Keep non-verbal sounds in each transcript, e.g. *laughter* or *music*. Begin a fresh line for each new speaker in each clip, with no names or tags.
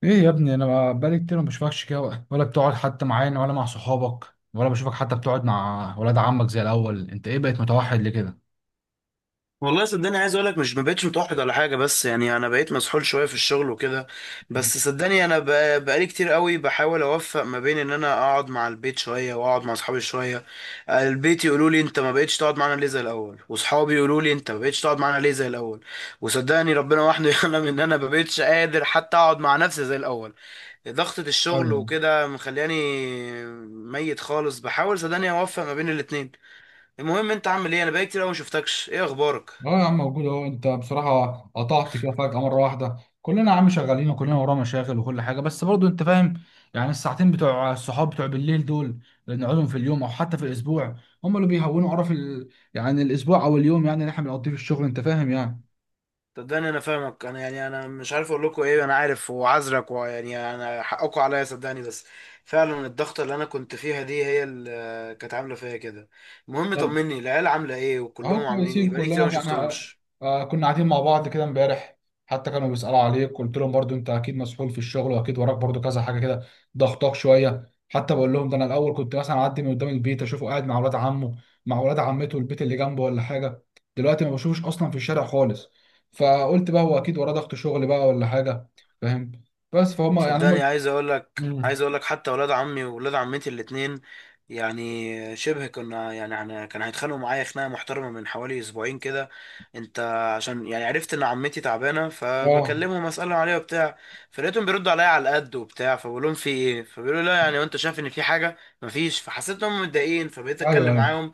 ايه يا ابني، انا بقالي كتير ما بشوفكش كده، ولا بتقعد حتى معانا ولا مع صحابك، ولا بشوفك حتى بتقعد مع ولاد عمك زي الاول. انت ايه بقيت متوحد ليه كده؟
والله صدقني عايز اقول لك مش ما بقتش متوحد ولا حاجه، بس يعني انا بقيت مسحول شويه في الشغل وكده. بس صدقني انا بقالي كتير قوي بحاول اوفق ما بين ان انا اقعد مع البيت شويه واقعد مع اصحابي شويه. البيت يقولوا لي انت ما بقتش تقعد معانا ليه زي الاول، واصحابي يقولوا لي انت ما بقتش تقعد معانا ليه زي الاول. وصدقني ربنا وحده *laughs* يعلم ان انا ما بقتش قادر حتى اقعد مع نفسي زي الاول. ضغطه الشغل
ايوه.
وكده مخلياني ميت خالص، بحاول صدقني اوفق ما بين الاتنين. المهم انت عامل ايه؟ انا بقالي كتير قوي ما شفتكش، ايه اخبارك؟
اه يا عم موجود اهو. انت بصراحه قطعت كده فجاه مره واحده. كلنا يا عم شغالين، وكلنا ورانا مشاغل وكل حاجه، بس برضو انت فاهم. يعني الساعتين بتوع الصحاب بتوع بالليل دول، اللي نقعدهم في اليوم او حتى في الاسبوع، هم اللي بيهونوا قرف يعني الاسبوع او اليوم، يعني اللي احنا بنقضيه في الشغل، انت فاهم يعني.
صدقني انا فاهمك، انا يعني انا مش عارف اقول لكم ايه، انا عارف وعذرك، ويعني انا حقكم عليا صدقني، بس فعلا الضغطه اللي انا كنت فيها دي هي اللي كانت عامله فيا كده. المهم طمني، العيال عامله ايه
اهو
وكلهم عاملين ايه؟
كويسين
بقالي كتير
كلنا
ما
احنا.
شفتهمش.
كنا قاعدين مع بعض كده امبارح، حتى كانوا بيسألوا عليك. قلت لهم برضو انت اكيد مسحول في الشغل، واكيد وراك برضو كذا حاجه كده ضغطاك شويه. حتى بقول لهم ده انا الاول كنت مثلا اعدي من قدام البيت اشوفه قاعد مع اولاد عمه، مع اولاد عمته، البيت اللي جنبه ولا حاجه. دلوقتي ما بشوفوش اصلا في الشارع خالص، فقلت بقى هو اكيد وراه ضغط شغل بقى ولا حاجه. فاهم. بس فهم يعني هم.
صدقني عايز اقول لك
مم.
عايز اقول لك حتى ولاد عمي وولاد عمتي الاتنين، يعني شبه كنا، يعني احنا كان هيتخانقوا معايا خناقه محترمه من حوالي اسبوعين كده. انت عشان يعني عرفت ان عمتي تعبانه
اه.
فبكلمهم اسالهم عليها وبتاع، فلقيتهم بيردوا عليا على القد وبتاع، فبقول لهم في ايه، فبيقولوا لا يعني، وانت شايف ان في حاجه؟ مفيش. فحسيت انهم متضايقين فبقيت
ايوه
اتكلم
ايوه.
معاهم،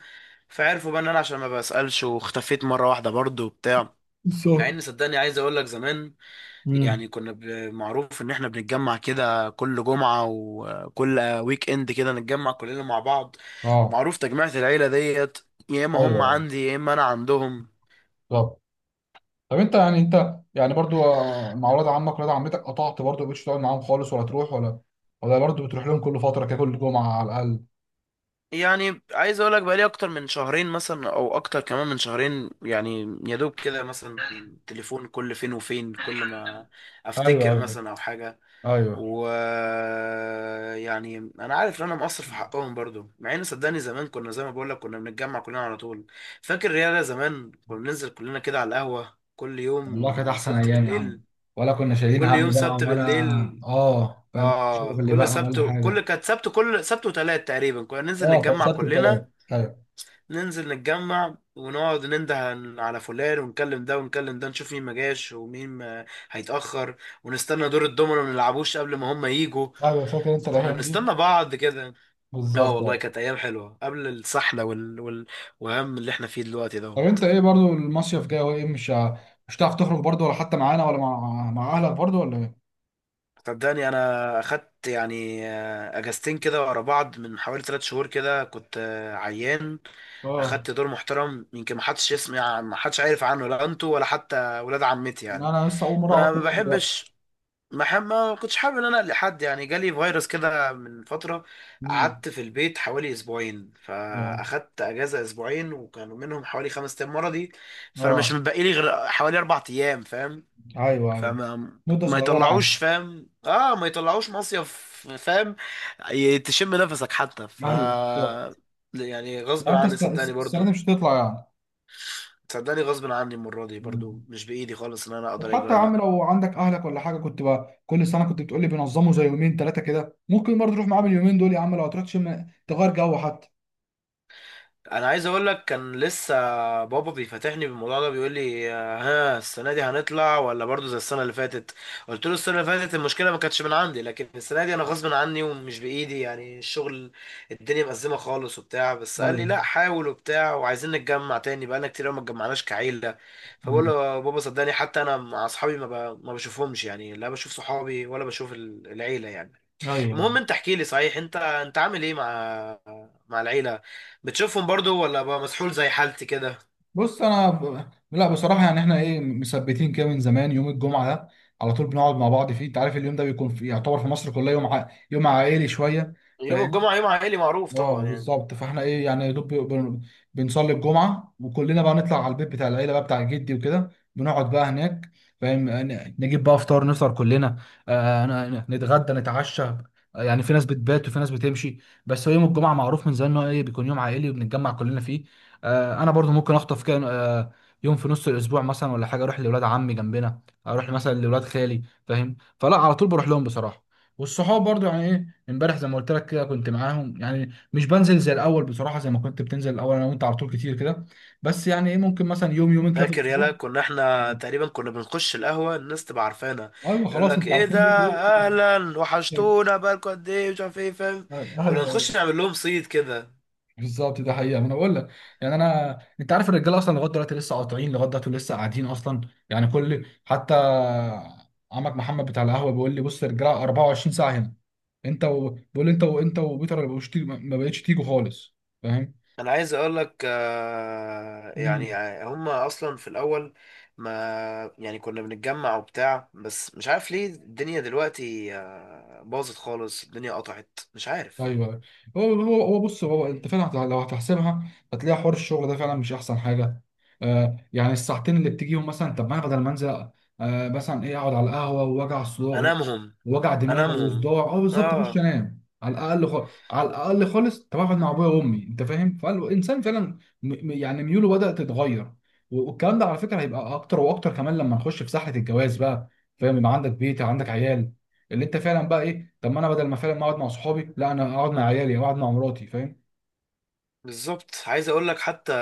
فعرفوا بقى ان انا عشان ما بسالش واختفيت مره واحده برضه وبتاع. مع
بالظبط.
ان صدقني عايز اقول لك زمان،
مم.
يعني كنا معروف ان احنا بنتجمع كده كل جمعة وكل ويك اند كده، نتجمع كلنا مع بعض.
اه.
ومعروف تجميعة العيلة ديت، يا اما
ايوه
هم
ايوه.
عندي يا اما انا عندهم.
بالظبط. طب انت يعني برضو مع ولاد عمك ولاد عمتك قطعت برضو، مبقتش تقعد معاهم خالص ولا تروح، ولا برضو بتروح لهم كل فتره كده كل جمعه على الاقل؟
يعني عايز اقول لك بقالي اكتر من شهرين مثلا او اكتر كمان من شهرين، يعني يا دوب كده مثلا تليفون كل فين وفين كل ما
ايوه
افتكر
ايوه
مثلا او حاجة.
ايوه.
ويعني انا عارف ان انا مقصر في حقهم برضو، مع ان صدقني زمان كنا زي ما بقول لك كنا بنتجمع كلنا على طول. فاكر رياضة زمان كنا بننزل كلنا كده على القهوة كل
والله كانت
يوم
احسن
سبت
ايام يا
بالليل.
عم، ولا كنا شايلين
كل يوم
هم بقى
سبت
ولا.
بالليل.
اه فاهم
اه،
شغل
كل
بقى ولا
سبت،
حاجه.
كل سبت وتلات تقريبا كنا ننزل
اه كان
نتجمع
سبت وثلاث.
كلنا،
ايوه
ننزل نتجمع ونقعد ننده على فلان ونكلم ده ونكلم ده، نشوف مين ما جاش ومين ما هيتأخر، ونستنى دور الدومينو ما نلعبوش قبل ما هم يجوا.
ايوه. فاكر انت
كنا
الايام دي.
نستنى بعض كده. اه
بالظبط
والله
اه.
كانت ايام حلوه قبل السحله والهم اللي احنا فيه دلوقتي
طب انت
دوت.
ايه، برضو المصيف جاي، وايه مش هتعرف تخرج برضو، ولا حتى معانا، ولا مع اهلك برضو، ولا ايه؟
صدقني انا اخدت يعني اجازتين كده ورا بعض من حوالي 3 شهور كده، كنت عيان.
اه.
اخدت دور محترم، يمكن ما حدش يسمع، ما حدش عارف عنه، لا انتوا ولا حتى ولاد عمتي يعني.
انا لسه اول مره
ما
اعرف
ما
منك دلوقتي.
بحبش، ما كنتش حابب ان انا لحد يعني. جالي فيروس كده من فتره،
مم.
قعدت في البيت حوالي اسبوعين،
اه.
فاخدت اجازه اسبوعين، وكانوا منهم حوالي 5 ايام مرضي، فانا مش
اه
متبقي لي غير حوالي 4 ايام، فاهم؟
ايوه ايوه.
فما
مده
ما
صغيره يعني.
يطلعوش، فاهم؟ اه ما يطلعوش مصيف، فاهم؟ تشم نفسك حتى ف
ايوه طب.
يعني غصب
يعني انت
عني صدقني
السنه دي
برضو.
مش هتطلع يعني؟
صدقني غصب عني المره دي برضو،
مم.
مش بايدي خالص ان انا اقدر اجي
وحتى يا
ولا
عم،
لأ.
لو عندك اهلك ولا حاجه، كنت بقى كل سنه كنت بتقولي بينظموا زي يومين ثلاثه كده، ممكن برضه تروح معاهم اليومين دول يا عم، لو هتروح تشم تغير جو حتى.
انا عايز اقول لك كان لسه بابا بيفتحني بالموضوع ده، بيقول لي ها السنه دي هنطلع ولا برضو زي السنه اللي فاتت؟ قلت له السنه اللي فاتت المشكله ما كانتش من عندي، لكن السنه دي انا غصب عني ومش بايدي، يعني الشغل الدنيا مأزمه خالص وبتاع. بس قال لي لا
ايوه.
حاول وبتاع، وعايزين نتجمع تاني، بقالنا كتير أوي ما اتجمعناش كعيله. فبقول
مم.
له يا بابا صدقني حتى انا مع اصحابي ما بشوفهمش، يعني لا بشوف صحابي ولا بشوف العيله يعني.
ايوه أيوة.
المهم انت احكي لي صحيح، انت عامل ايه مع مع العيلة؟ بتشوفهم برضو ولا بقى مسحول زي حالتي كده؟
بص انا لا، بصراحه يعني احنا ايه مثبتين كده من زمان، يوم الجمعه ده على طول بنقعد مع بعض فيه. انت عارف، اليوم ده بيكون يعتبر في مصر كلها يوم يوم عائلي شويه. ف...
يوم الجمعة يوم عائلي معروف
اه
طبعا يعني.
بالظبط. فاحنا ايه يعني يا دوب بنصلي الجمعه، وكلنا بقى نطلع على البيت بتاع العيله بقى، بتاع جدي وكده، بنقعد بقى هناك. فاهم، نجيب بقى فطار، نفطر كلنا، نتغدى نتعشى، يعني في ناس بتبات وفي ناس بتمشي. بس هو يوم الجمعه معروف من زمان ان هو ايه بيكون يوم عائلي وبنتجمع كلنا فيه. انا برضو ممكن اخطف كده، يوم في نص الاسبوع مثلا ولا حاجه، اروح لاولاد عمي جنبنا، اروح مثلا لاولاد خالي. فاهم، فلا، على طول بروح لهم بصراحه. والصحاب برضو يعني ايه، امبارح زي ما قلت لك كده كنت معاهم يعني. مش بنزل زي الاول بصراحه زي ما كنت بتنزل الاول انا وانت على طول كتير كده، بس يعني ايه ممكن مثلا يوم يومين كده في
فاكر يلا
الاسبوع.
كنا احنا تقريبا كنا بنخش القهوة الناس تبقى عارفانا،
ايوه
يقول
خلاص،
لك
انت
ايه
عارفين
ده،
مين دول.
اهلا،
ايوه
وحشتونا، بقالكوا قد ايه، مش عارف ايه، فاهم؟ كنا نخش
أيوة،
نعمل لهم صيد كده.
بالظبط. ده حقيقه ما انا بقول لك. يعني انا انت عارف الرجاله اصلا لغايه دلوقتي لسه قاطعين، لغايه دلوقتي لسه قاعدين اصلا. يعني كل حتى عمك محمد بتاع القهوه بيقول لي بص، الرجاله 24 ساعه هنا. بيقول لي انت وانت وبيتر ما بقتش تيجوا خالص.
انا عايز اقول لك يعني
فاهم.
هم اصلا في الاول ما يعني كنا بنتجمع وبتاع، بس مش عارف ليه الدنيا دلوقتي باظت خالص، الدنيا قطعت مش عارف.
ايوه. هو بص، هو انت فعلا لو هتحسبها هتلاقي حوار الشغل ده فعلا مش احسن حاجه. يعني الساعتين اللي بتجيهم مثلا، طب ما انا بدل ما انزل مثلا ايه اقعد على القهوه ووجع صداع،
انامهم.
وجع دماغ
انامهم.
وصداع، اه بالظبط، اخش
اه
انام على الاقل خالص، على الاقل خالص. طب اقعد مع ابويا وامي، انت فاهم. فالانسان فعلا يعني ميوله بدات تتغير، والكلام ده على فكره هيبقى اكتر واكتر كمان لما نخش في سحله الجواز بقى. فاهم، يبقى عندك بيت، عندك عيال، اللي انت فعلا بقى ايه طب ما انا بدل ما فعلا ما اقعد مع صحابي، لا انا اقعد مع عيالي او اقعد مع مراتي. فاهم.
بالظبط. عايز اقول لك حتى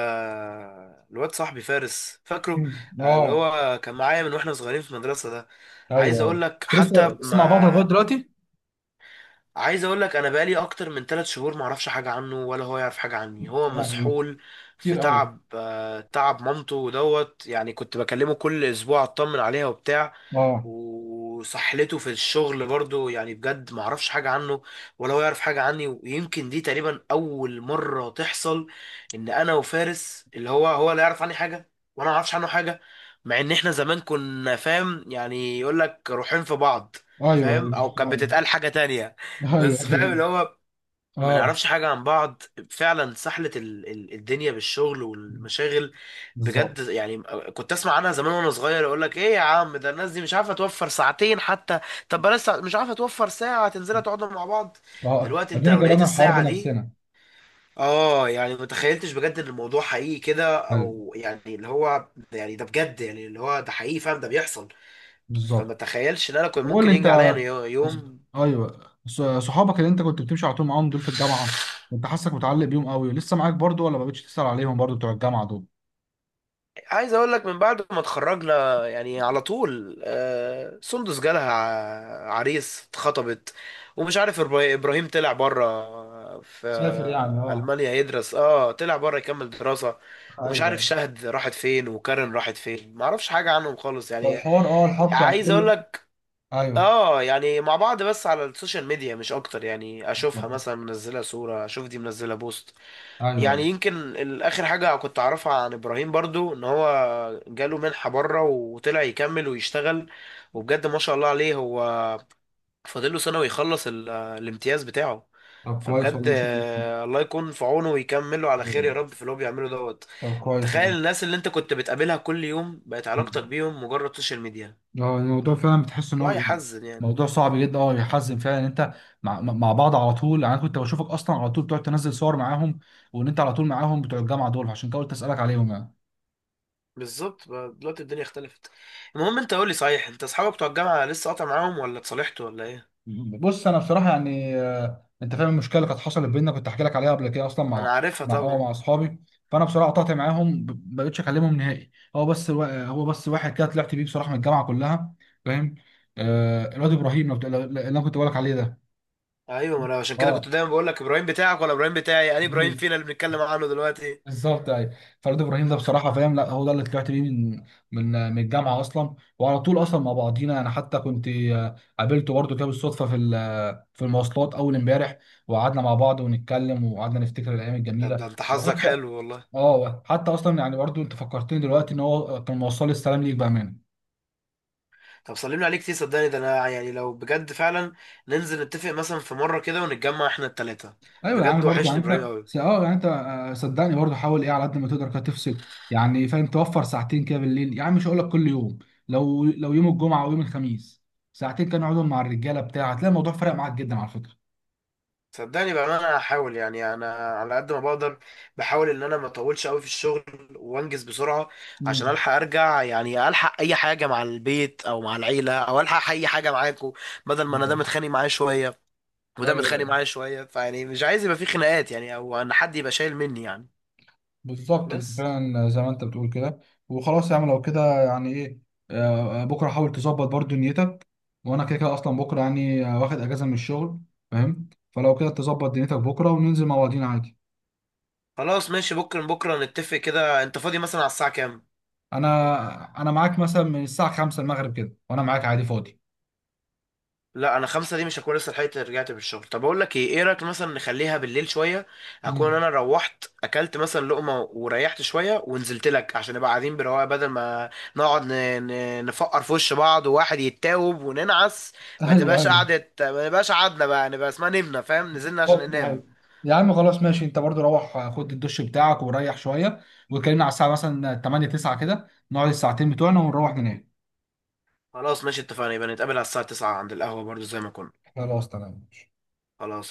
الواد صاحبي فارس فاكره؟
مم.
اللي
اه.
هو كان معايا من واحنا صغيرين في المدرسة ده.
ايوه
عايز اقول
ايوه.
لك
انت لسه
حتى
لسه مع بعض لغايه
ما،
دلوقتي؟
عايز اقول لك انا بقالي اكتر من 3 شهور ما اعرفش حاجه عنه ولا هو يعرف حاجه عني. هو
يا لهوي.
مسحول في
كتير قوي.
تعب تعب مامته ودوت، يعني كنت بكلمه كل اسبوع اطمن عليها وبتاع،
اه.
وسحلته في الشغل برضو. يعني بجد ما اعرفش حاجة عنه ولا هو يعرف حاجة عني، ويمكن دي تقريبا اول مرة تحصل ان انا وفارس اللي هو لا يعرف عني حاجة وانا ما اعرفش عنه حاجة. مع ان احنا زمان كنا، فاهم يعني، يقول لك روحين في بعض،
ايوه
فاهم؟
ايوه.
او كانت
اه
بتتقال حاجة تانية،
ايوه
بس فاهم اللي
ايوه.
هو ما
اه
نعرفش حاجة عن بعض. فعلا سحلة الدنيا بالشغل والمشاغل، بجد
بالظبط.
يعني. كنت اسمع عنها زمان وانا صغير، اقول لك ايه يا عم، ده الناس دي مش عارفة توفر ساعتين حتى، طب بلاش مش عارفة توفر ساعة تنزلها تقعدوا مع بعض.
اه
دلوقتي انت
ادينا
لو لقيت
جربنا الحوار
الساعة دي،
بنفسنا.
اه يعني ما تخيلتش بجد ان الموضوع حقيقي كده،
ايوه.
او يعني اللي هو يعني ده بجد، يعني اللي هو ده حقيقي فعلا ده بيحصل.
بالظبط.
فما تخيلش ان انا كنت
طب قول
ممكن
لي انت.
ينجي عليا أنا يوم.
ايوه. صحابك اللي انت كنت بتمشي على طول معاهم دول في الجامعه، كنت حاسك متعلق بيهم قوي، لسه معاك برضو، ولا ما بقتش تسأل عليهم برضو بتوع الجامعه دول؟
عايز اقول لك من بعد ما اتخرجنا يعني على طول، سندس جالها عريس اتخطبت، ومش عارف ابراهيم طلع بره في
سافر يعني اه.
المانيا يدرس، طلع بره يكمل دراسة. ومش عارف
ايوه.
شهد راحت فين وكارن راحت فين، ما اعرفش حاجة عنهم خالص يعني.
فالحوار الحوار كان
عايز اقول
كله.
لك
ايوه
اه، يعني مع بعض بس على السوشيال ميديا مش اكتر، يعني اشوفها
طب-
مثلا منزلة صورة، اشوف دي منزلة بوست.
ايوه
يعني
أيوة.
يمكن اخر حاجه كنت اعرفها عن ابراهيم برضو ان هو جاله منحه بره وطلع يكمل ويشتغل، وبجد ما شاء الله عليه، هو فاضل له سنه ويخلص الامتياز بتاعه.
طب كويس
فبجد
والله ما شاء الله.
الله يكون في عونه ويكمله على خير يا
أيوة.
رب في اللي هو بيعمله دوت.
طب كويس
تخيل
والله.
الناس اللي انت كنت بتقابلها كل يوم بقت علاقتك بيهم مجرد سوشيال ميديا،
اه الموضوع فعلا بتحس ان
الموضوع
هو
يحزن يعني.
موضوع صعب جدا. اه يحزن فعلا ان انت مع بعض على طول، يعني انا كنت بشوفك اصلا على طول بتقعد تنزل صور معاهم، وان انت على طول معاهم بتوع الجامعه دول، عشان كده قلت اسالك عليهم يعني.
بالظبط بقى دلوقتي الدنيا اختلفت. المهم انت قولي صحيح، انت اصحابك بتوع الجامعه لسه قاطع معاهم ولا اتصالحتوا ولا ايه؟
بص انا بصراحه يعني انت فاهم المشكله اللي كانت حصلت بيننا، كنت احكي لك عليها قبل كده اصلا،
انا
مع
عارفها
مع اه
طبعا.
مع اصحابي. فانا بصراحه قطعت معاهم، ما بقتش اكلمهم نهائي. هو بس واحد كده طلعت بيه بصراحه من الجامعه كلها. فاهم، الواد ابراهيم اللي انا كنت بقول لك عليه ده.
ايوه، ما انا عشان كده كنت
اه
دايما بقول لك ابراهيم بتاعك ولا ابراهيم بتاعي، يعني ابراهيم
*laughs*
فينا اللي بنتكلم عنه دلوقتي.
بالظبط ايوه. فريد ابراهيم ده بصراحه فاهم، لا هو ده اللي طلعت بيه من الجامعه اصلا، وعلى طول اصلا مع بعضينا. انا حتى كنت قابلته برضه كده بالصدفه في المواصلات اول امبارح، وقعدنا مع بعض ونتكلم، وقعدنا نفتكر الايام
طب
الجميله.
ده انت حظك
وحتى
حلو والله.
اه، حتى اصلا يعني برضه انت فكرتني دلوقتي ان هو كان موصل لي السلام ليك بامان.
طب سلمنا عليك كتير صدقني، ده انا يعني لو بجد فعلا ننزل نتفق مثلا في مره كده ونتجمع احنا التلاته.
ايوه يعني
بجد
برضو
وحشني
يعني
ابراهيم
انت
قوي.
س- اه يعني انت آه، صدقني برضو حاول ايه على قد ما تقدر كده تفصل. يعني فاهم، توفر ساعتين كده بالليل، يعني مش هقول لك كل يوم، لو يوم الجمعه او يوم الخميس، ساعتين كانوا اقعدهم مع الرجاله بتاع، هتلاقي الموضوع فرق معاك جدا على فكره.
صدقني بقى انا هحاول، يعني انا على قد ما بقدر بحاول ان انا ما اطولش قوي في الشغل وانجز بسرعه عشان
مم.
الحق ارجع، يعني الحق اي حاجه مع البيت او مع العيله، او الحق اي حاجه معاكم، بدل ما انا ده
بالظبط.
متخانق معايا شويه وده
ايوه
متخانق معايا شويه، فيعني مش عايز يبقى في خناقات، يعني او ان حد يبقى شايل مني يعني.
بالظبط، انت
بس
فعلا زي ما انت بتقول كده. وخلاص يا عم، لو كده يعني ايه، بكره حاول تظبط برضو نيتك، وانا كده كده اصلا بكره يعني واخد اجازه من الشغل. فاهم، فلو كده تظبط دنيتك بكره وننزل مع بعضينا عادي.
خلاص ماشي، بكره بكره نتفق كده، انت فاضي مثلا على الساعه كام؟
انا معاك مثلا من الساعه 5 المغرب كده، وانا معاك عادي فاضي.
لا انا خمسة دي مش هكون لسه لحقت رجعت من الشغل، طب اقول لك ايه، ايه رايك مثلا نخليها بالليل شويه؟ اكون
مم.
انا روحت اكلت مثلا لقمه وريحت شويه ونزلت لك عشان نبقى قاعدين برواقه، بدل ما نقعد نفقر في وش بعض وواحد يتاوب وننعس، ما
ايوه
تبقاش
ايوه.
قعدة، ما تبقاش قعدنا بقى نبقى اسمها نمنا، فاهم؟ نزلنا عشان
أوكي،
ننام.
أيوة. يا عم خلاص ماشي، انت برضو روح خد الدش بتاعك وريح شويه، وكلمنا على الساعه مثلا 8 9 كده، نقعد الساعتين بتوعنا ونروح ننام.
خلاص ماشي اتفقنا، يبقى نتقابل على الساعة 9 عند القهوة برضو زي ما كنا.
خلاص تمام.
خلاص.